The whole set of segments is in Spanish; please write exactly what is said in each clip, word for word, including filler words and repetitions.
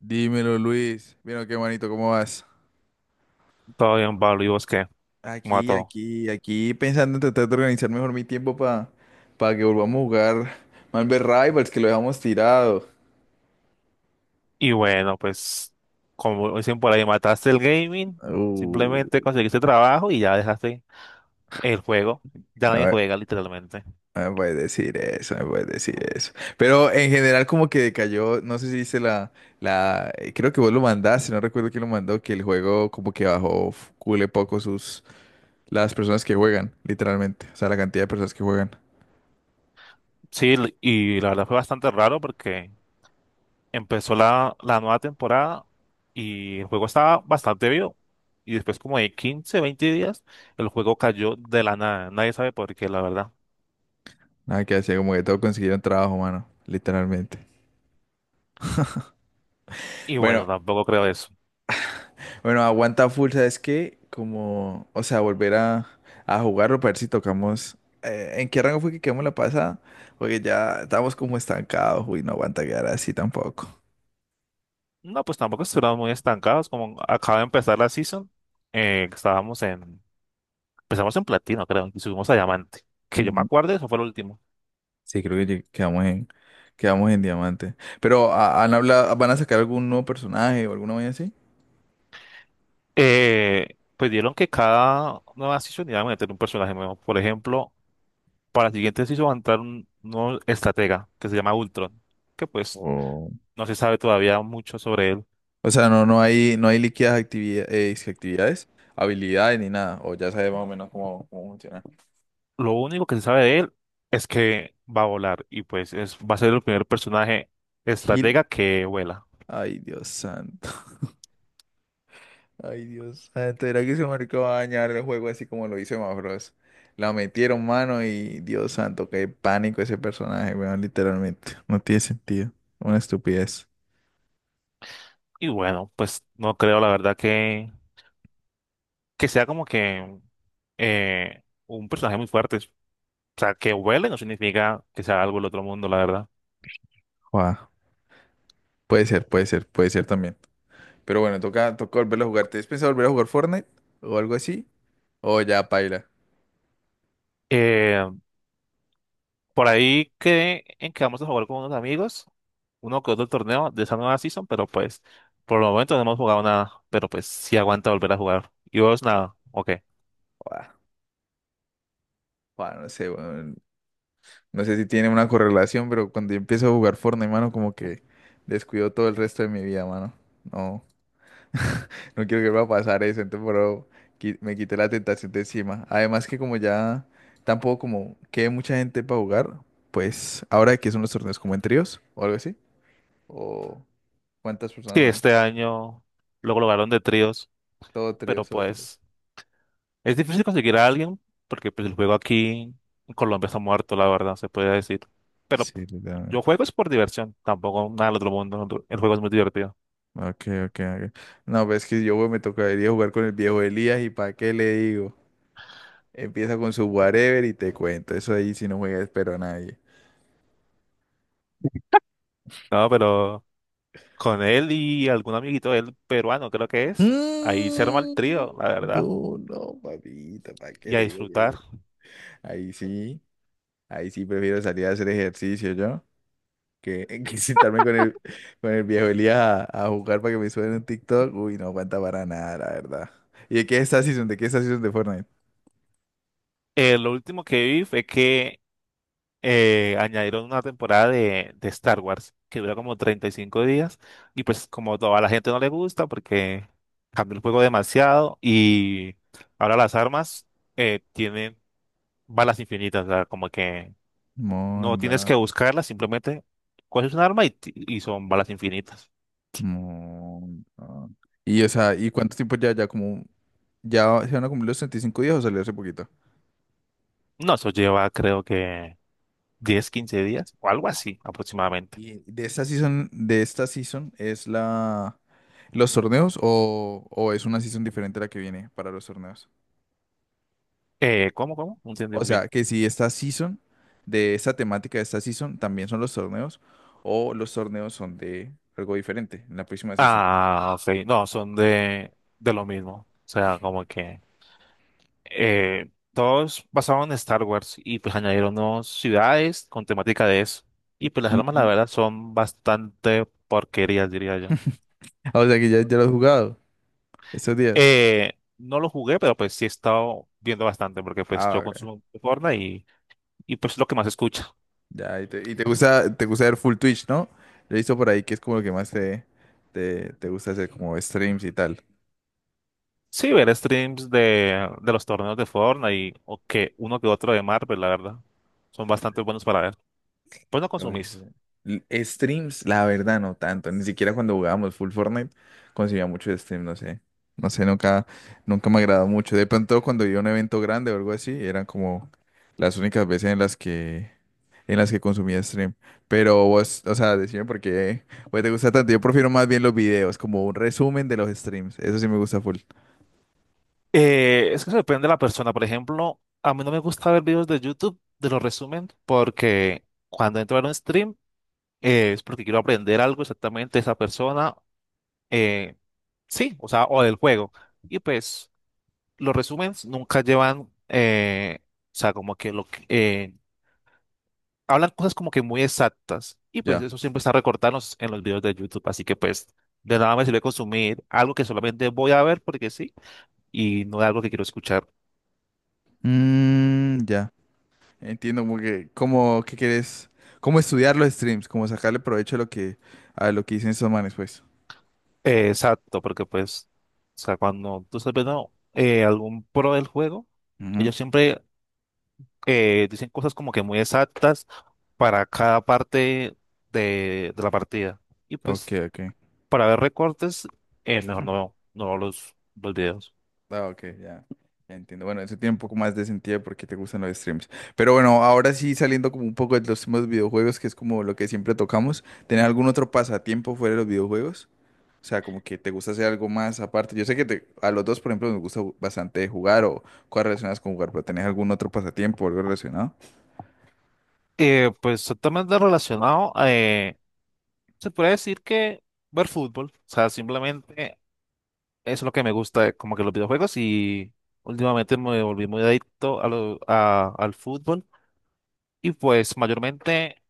Dímelo, Luis. Mira, qué manito, ¿cómo vas? Todo bien, Pablo, ¿y vos qué? ¿Cómo va Aquí, todo? aquí, aquí, pensando en tratar de organizar mejor mi tiempo para que volvamos a jugar Marvel Rivals, que lo dejamos tirado. Y bueno, pues, como dicen por ahí, mataste el gaming, Uh, simplemente conseguiste trabajo y ya dejaste el juego. Ya a nadie ver, juega, literalmente. no me puedes decir eso, no me puedes decir eso. Pero en general como que decayó, no sé si dice la, la, eh, creo que vos lo mandaste, no recuerdo quién lo mandó, que el juego como que bajó f- cule poco sus, las personas que juegan, literalmente. O sea, la cantidad de personas que juegan. Sí, l- y la verdad fue bastante raro porque empezó la, la nueva temporada y el juego estaba bastante vivo. Y después, como de quince veinte días, el juego cayó de la nada. Nadie sabe por qué, la verdad. Nada que hacer, como que todos consiguieron trabajo, mano, literalmente. Y bueno, Bueno, tampoco creo eso. bueno, aguanta full, ¿sabes qué? Como, o sea, volver a, a jugarlo para ver si tocamos. Eh, ¿en qué rango fue que quedamos la pasada? Porque ya estamos como estancados, uy, no aguanta quedar así tampoco. No, pues tampoco estuvimos muy estancados, como acaba de empezar la season, eh, estábamos en, empezamos en platino, creo, y subimos a diamante, que yo me Ujú. acuerdo, eso fue lo último. Sí, creo que lleg- quedamos en, quedamos en diamante. Pero ¿ha- han hablado, ¿van a sacar algún nuevo personaje o alguna vaina así? Eh, pues dieron que cada nueva season iba a meter un personaje nuevo, por ejemplo, para la siguiente season va a entrar un nuevo estratega, que se llama Ultron, que pues O, no se sabe todavía mucho sobre él. o sea, no, no hay, no hay líquidas actividad- eh, dizque actividades, habilidades ni nada. O ya sabes más o menos cómo, cómo funciona. Lo único que se sabe de él es que va a volar, y pues es, va a ser el primer personaje Gil, estratega que vuela. ay, Dios santo. Ay, Dios. Antes era que ese marica va a dañar el juego así como lo hizo Max Bros. La metieron mano y Dios santo, qué pánico ese personaje, weón, literalmente. No tiene sentido. Una estupidez. Y bueno, pues no creo la verdad que, que sea como que eh, un personaje muy fuerte. O sea, que huele no significa que sea algo del otro mundo, la verdad. Guau. Puede ser, puede ser, puede ser también. Pero bueno, toca, toca volverlo a jugar. ¿Te has pensado volver a jugar Fortnite? ¿O algo así? O ya, paila. Eh, por ahí quedé en que vamos a jugar con unos amigos, uno que otro torneo de esa nueva season, pero pues por el momento no hemos jugado nada, pero pues sí aguanta volver a jugar. Y vos nada, ok. Guau, guau, no sé, weón. No sé si tiene una correlación, pero cuando yo empiezo a jugar Fortnite, mano, como que descuido todo el resto de mi vida, mano. No. No quiero que me va a pasar eso, entonces pero qui- me quité la tentación de encima. Además que como ya tampoco como quede mucha gente para jugar, pues ahora que son los torneos como en tríos o algo así, o cuántas Sí, personas son, este año lo lograron de tríos, todo pero tríos, todo tríos. pues... Es difícil conseguir a alguien porque pues, el juego aquí en Colombia está muerto, la verdad, se puede decir. Pero Sí, literalmente. yo juego es por diversión, tampoco nada del otro mundo. El juego es muy divertido. Ok, ok, ok. No, pues es que yo güey, me tocaría jugar con el viejo Elías y para qué le digo. Empieza con su whatever y te cuento. Eso ahí si no juega espero a nadie. No, pero con él y algún amiguito de él peruano, creo que es, ahí se arma el Mm. trío, la verdad, No, no, papita, ¿para qué y a le digo que disfrutar. ahí sí, ahí sí prefiero salir a hacer ejercicio yo que, que sentarme con el, con el viejo Elías a, a jugar para que me suene un TikTok. Uy, no aguanta para nada, la verdad. ¿Y de qué es esta season? ¿De qué es esta season de Fortnite? Eh, lo último que vi fue que eh, añadieron una temporada de, de Star Wars que dura como treinta y cinco días y pues como todo, a la gente no le gusta porque cambió el juego demasiado y ahora las armas eh, tienen balas infinitas, o sea, como que no tienes que Monda, buscarlas, simplemente coges un arma y, ti- y son balas infinitas. monda. Y o sea, ¿y cuánto tiempo ya? Ya como, ya se van a cumplir los treinta y cinco días o salió hace poquito. No, eso lleva creo que diez quince días o algo así aproximadamente. Y de esta season, de esta season es la los torneos o, o es una season diferente a la que viene para los torneos. Eh, ¿cómo, cómo? No entendí O muy bien. sea, que si esta season, de esta temática de esta season, también son los torneos, o los torneos son de algo diferente en la próxima season. Ah, ok, no, son de, de lo mismo, o sea, como que... eh, todos basados en Star Wars y pues añadieron nuevas ciudades con temática de eso. Y pues las armas, Mm. la verdad, son bastante porquerías, diría yo. Ah, o sea, que ya, ya lo has jugado estos días. Eh, no lo jugué, pero pues sí he estado viendo bastante porque pues Ah, yo ok. consumo Fortnite y, y pues lo que más escucha. Ya, y te, y te gusta, te gusta ver full Twitch, ¿no? Yo he visto por ahí que es como lo que más te, te, te gusta hacer, como streams y tal. Sí, ver streams de, de los torneos de Fortnite y o que uno que otro de Marvel, la verdad. Son bastante buenos para ver. Pues no Lo voy a consumís. hacer. L- Streams, la verdad, no tanto. Ni siquiera cuando jugábamos full Fortnite conseguía mucho de stream, no sé. No sé, nunca, nunca me agradó mucho. De pronto cuando iba a un evento grande o algo así, eran como las únicas veces en las que, en las que consumía stream. Pero vos, o sea, decime por qué güey, te gusta tanto. Yo prefiero más bien los videos, como un resumen de los streams. Eso sí me gusta full. Eh, es que depende de la persona. Por ejemplo, a mí no me gusta ver videos de YouTube de los resumen porque cuando entro a ver un stream eh, es porque quiero aprender algo exactamente de esa persona. eh, sí, o sea, o del juego. Y pues los resúmenes nunca llevan, eh, o sea, como que lo que, eh, hablan cosas como que muy exactas. Y pues Ya. eso siempre está recortado en los en los videos de YouTube. Así que pues de nada me sirve consumir algo que solamente voy a ver porque sí y no es algo que quiero escuchar. Mm, ya. Entiendo como que cómo qué quieres, cómo estudiar los streams, cómo sacarle provecho a lo que a lo que dicen esos manes, pues. Eh, exacto, porque pues, o sea, cuando tú estás viendo eh, algún pro del juego, Ujú. ellos siempre eh, dicen cosas como que muy exactas para cada parte de, de la partida. Y Ok, pues, ok. para ver recortes, eh, mejor no, no veo los, los videos. Ah, ok, ya. Ya entiendo. Bueno, eso tiene un poco más de sentido porque te gustan los streams. Pero bueno, ahora sí saliendo como un poco de los temas de videojuegos, que es como lo que siempre tocamos, ¿tener algún otro pasatiempo fuera de los videojuegos? O sea, como que te gusta hacer algo más aparte. Yo sé que te- a los dos, por ejemplo, nos gusta bastante jugar o cosas relacionadas con jugar, pero ¿tenés algún otro pasatiempo o algo relacionado? Eh, pues, totalmente relacionado, eh, se puede decir que ver fútbol, o sea, simplemente es lo que me gusta, como que los videojuegos y últimamente me volví muy adicto a lo- a- al fútbol. Y pues mayormente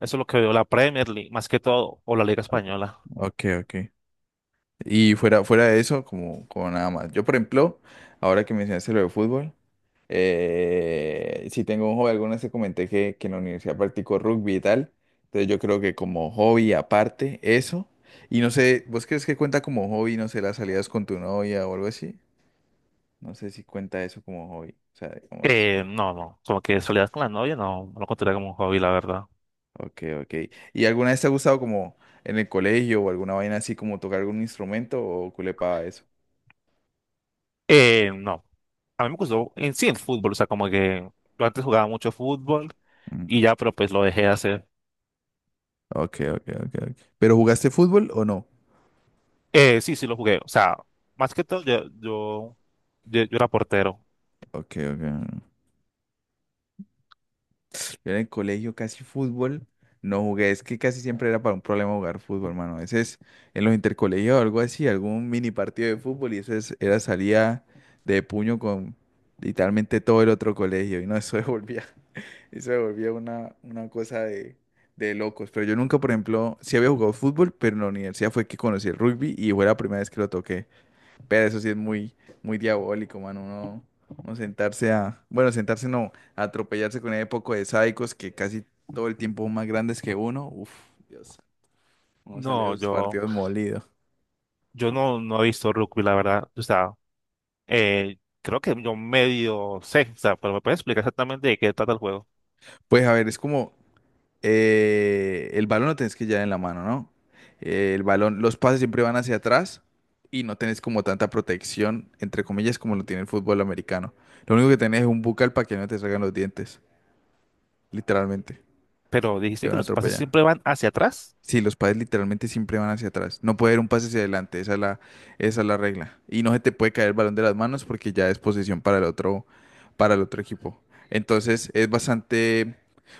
eso es lo que veo la Premier League, más que todo, o la Liga Ok, Española. ok, ok. Y fuera, fuera de eso, como, como nada más. Yo, por ejemplo, ahora que mencionaste lo de fútbol, eh, si tengo un hobby, alguna vez te comenté que, que en la universidad practico rugby y tal. Entonces yo creo que como hobby aparte, eso. Y no sé, ¿vos crees que cuenta como hobby, no sé, las salidas con tu novia o algo así? No sé si cuenta eso como hobby. O sea, digamos, Eh, no, no, como que salías con la novia, no, no lo contaría como un hobby, la verdad. ok, ok. ¿Y alguna vez te ha gustado como en el colegio o alguna vaina así como tocar algún instrumento o culepaba eso? Eh, no, a mí me gustó en sí el fútbol, o sea, como que yo antes jugaba mucho fútbol Mm. y ya, pero pues lo dejé de hacer. Ok, ok, ok, ok. ¿Pero jugaste fútbol o no? Eh, sí, sí lo jugué, o sea, más que todo yo, yo, yo, yo era portero. Ok, ok. Yo en el colegio casi fútbol no jugué. Es que casi siempre era para un problema jugar fútbol, hermano. A veces en los intercolegios o algo así, algún mini partido de fútbol y eso es- era salía de puño con literalmente todo el otro colegio. Y no, eso se volvía, eso se volvía una, una cosa de, de locos. Pero yo nunca, por ejemplo, sí había jugado fútbol, pero en la universidad fue que conocí el rugby y fue la primera vez que lo toqué. Pero eso sí es muy, muy diabólico, mano. Uno, uno sentarse a, bueno, sentarse no, a atropellarse con ese poco de sádicos que casi todo el tiempo son más grandes que uno. Uf, Dios, uno sale de No, esos yo, partidos molido. yo no, no he visto rugby, la verdad, o sea, eh, creo que yo medio sé, o sea, pero me puedes explicar exactamente de qué trata el juego. Pues a ver, es como eh, el balón lo tenés que llevar en la mano, ¿no? Eh, el balón, los pases siempre van hacia atrás y no tenés como tanta protección, entre comillas, como lo tiene el fútbol americano. Lo único que tenés es un bucal para que no te salgan los dientes, literalmente. Pero Te dijiste que van a los pases atropellar. siempre van hacia atrás. Sí, los pases literalmente siempre van hacia atrás. No puede haber un pase hacia adelante, esa es la, esa es la regla. Y no se te puede caer el balón de las manos porque ya es posesión para el otro, para el otro equipo. Entonces es bastante,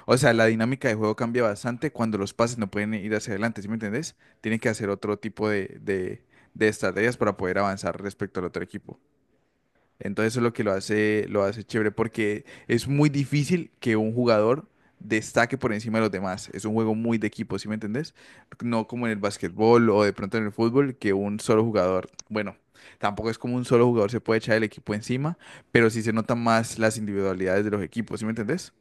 o sea, la dinámica de juego cambia bastante cuando los pases no pueden ir hacia adelante, ¿sí me entendés? Tienen que hacer otro tipo de, de, de estrategias para poder avanzar respecto al otro equipo. Entonces eso es lo que lo hace, lo hace chévere, porque es muy difícil que un jugador destaque por encima de los demás. Es un juego muy de equipo, ¿sí me entendés? No como en el básquetbol o de pronto en el fútbol, que un solo jugador, bueno, tampoco es como un solo jugador se puede echar el equipo encima, pero sí se notan más las individualidades de los equipos, ¿sí me entendés?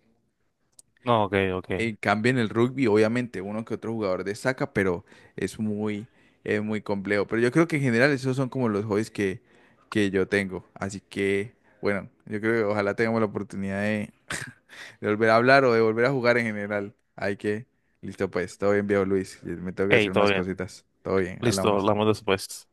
No, ok, ok. En cambio, en el rugby, obviamente, uno que otro jugador destaca, pero es muy, es muy complejo. Pero yo creo que en general esos son como los hobbies que, que yo tengo. Así que, bueno, yo creo que ojalá tengamos la oportunidad de, de volver a hablar o de volver a jugar en general. Hay que, listo pues, todo bien, viejo Luis. Me tengo que Hey, hacer todo unas bien. cositas. Todo bien, Listo, hablamos. hablamos después.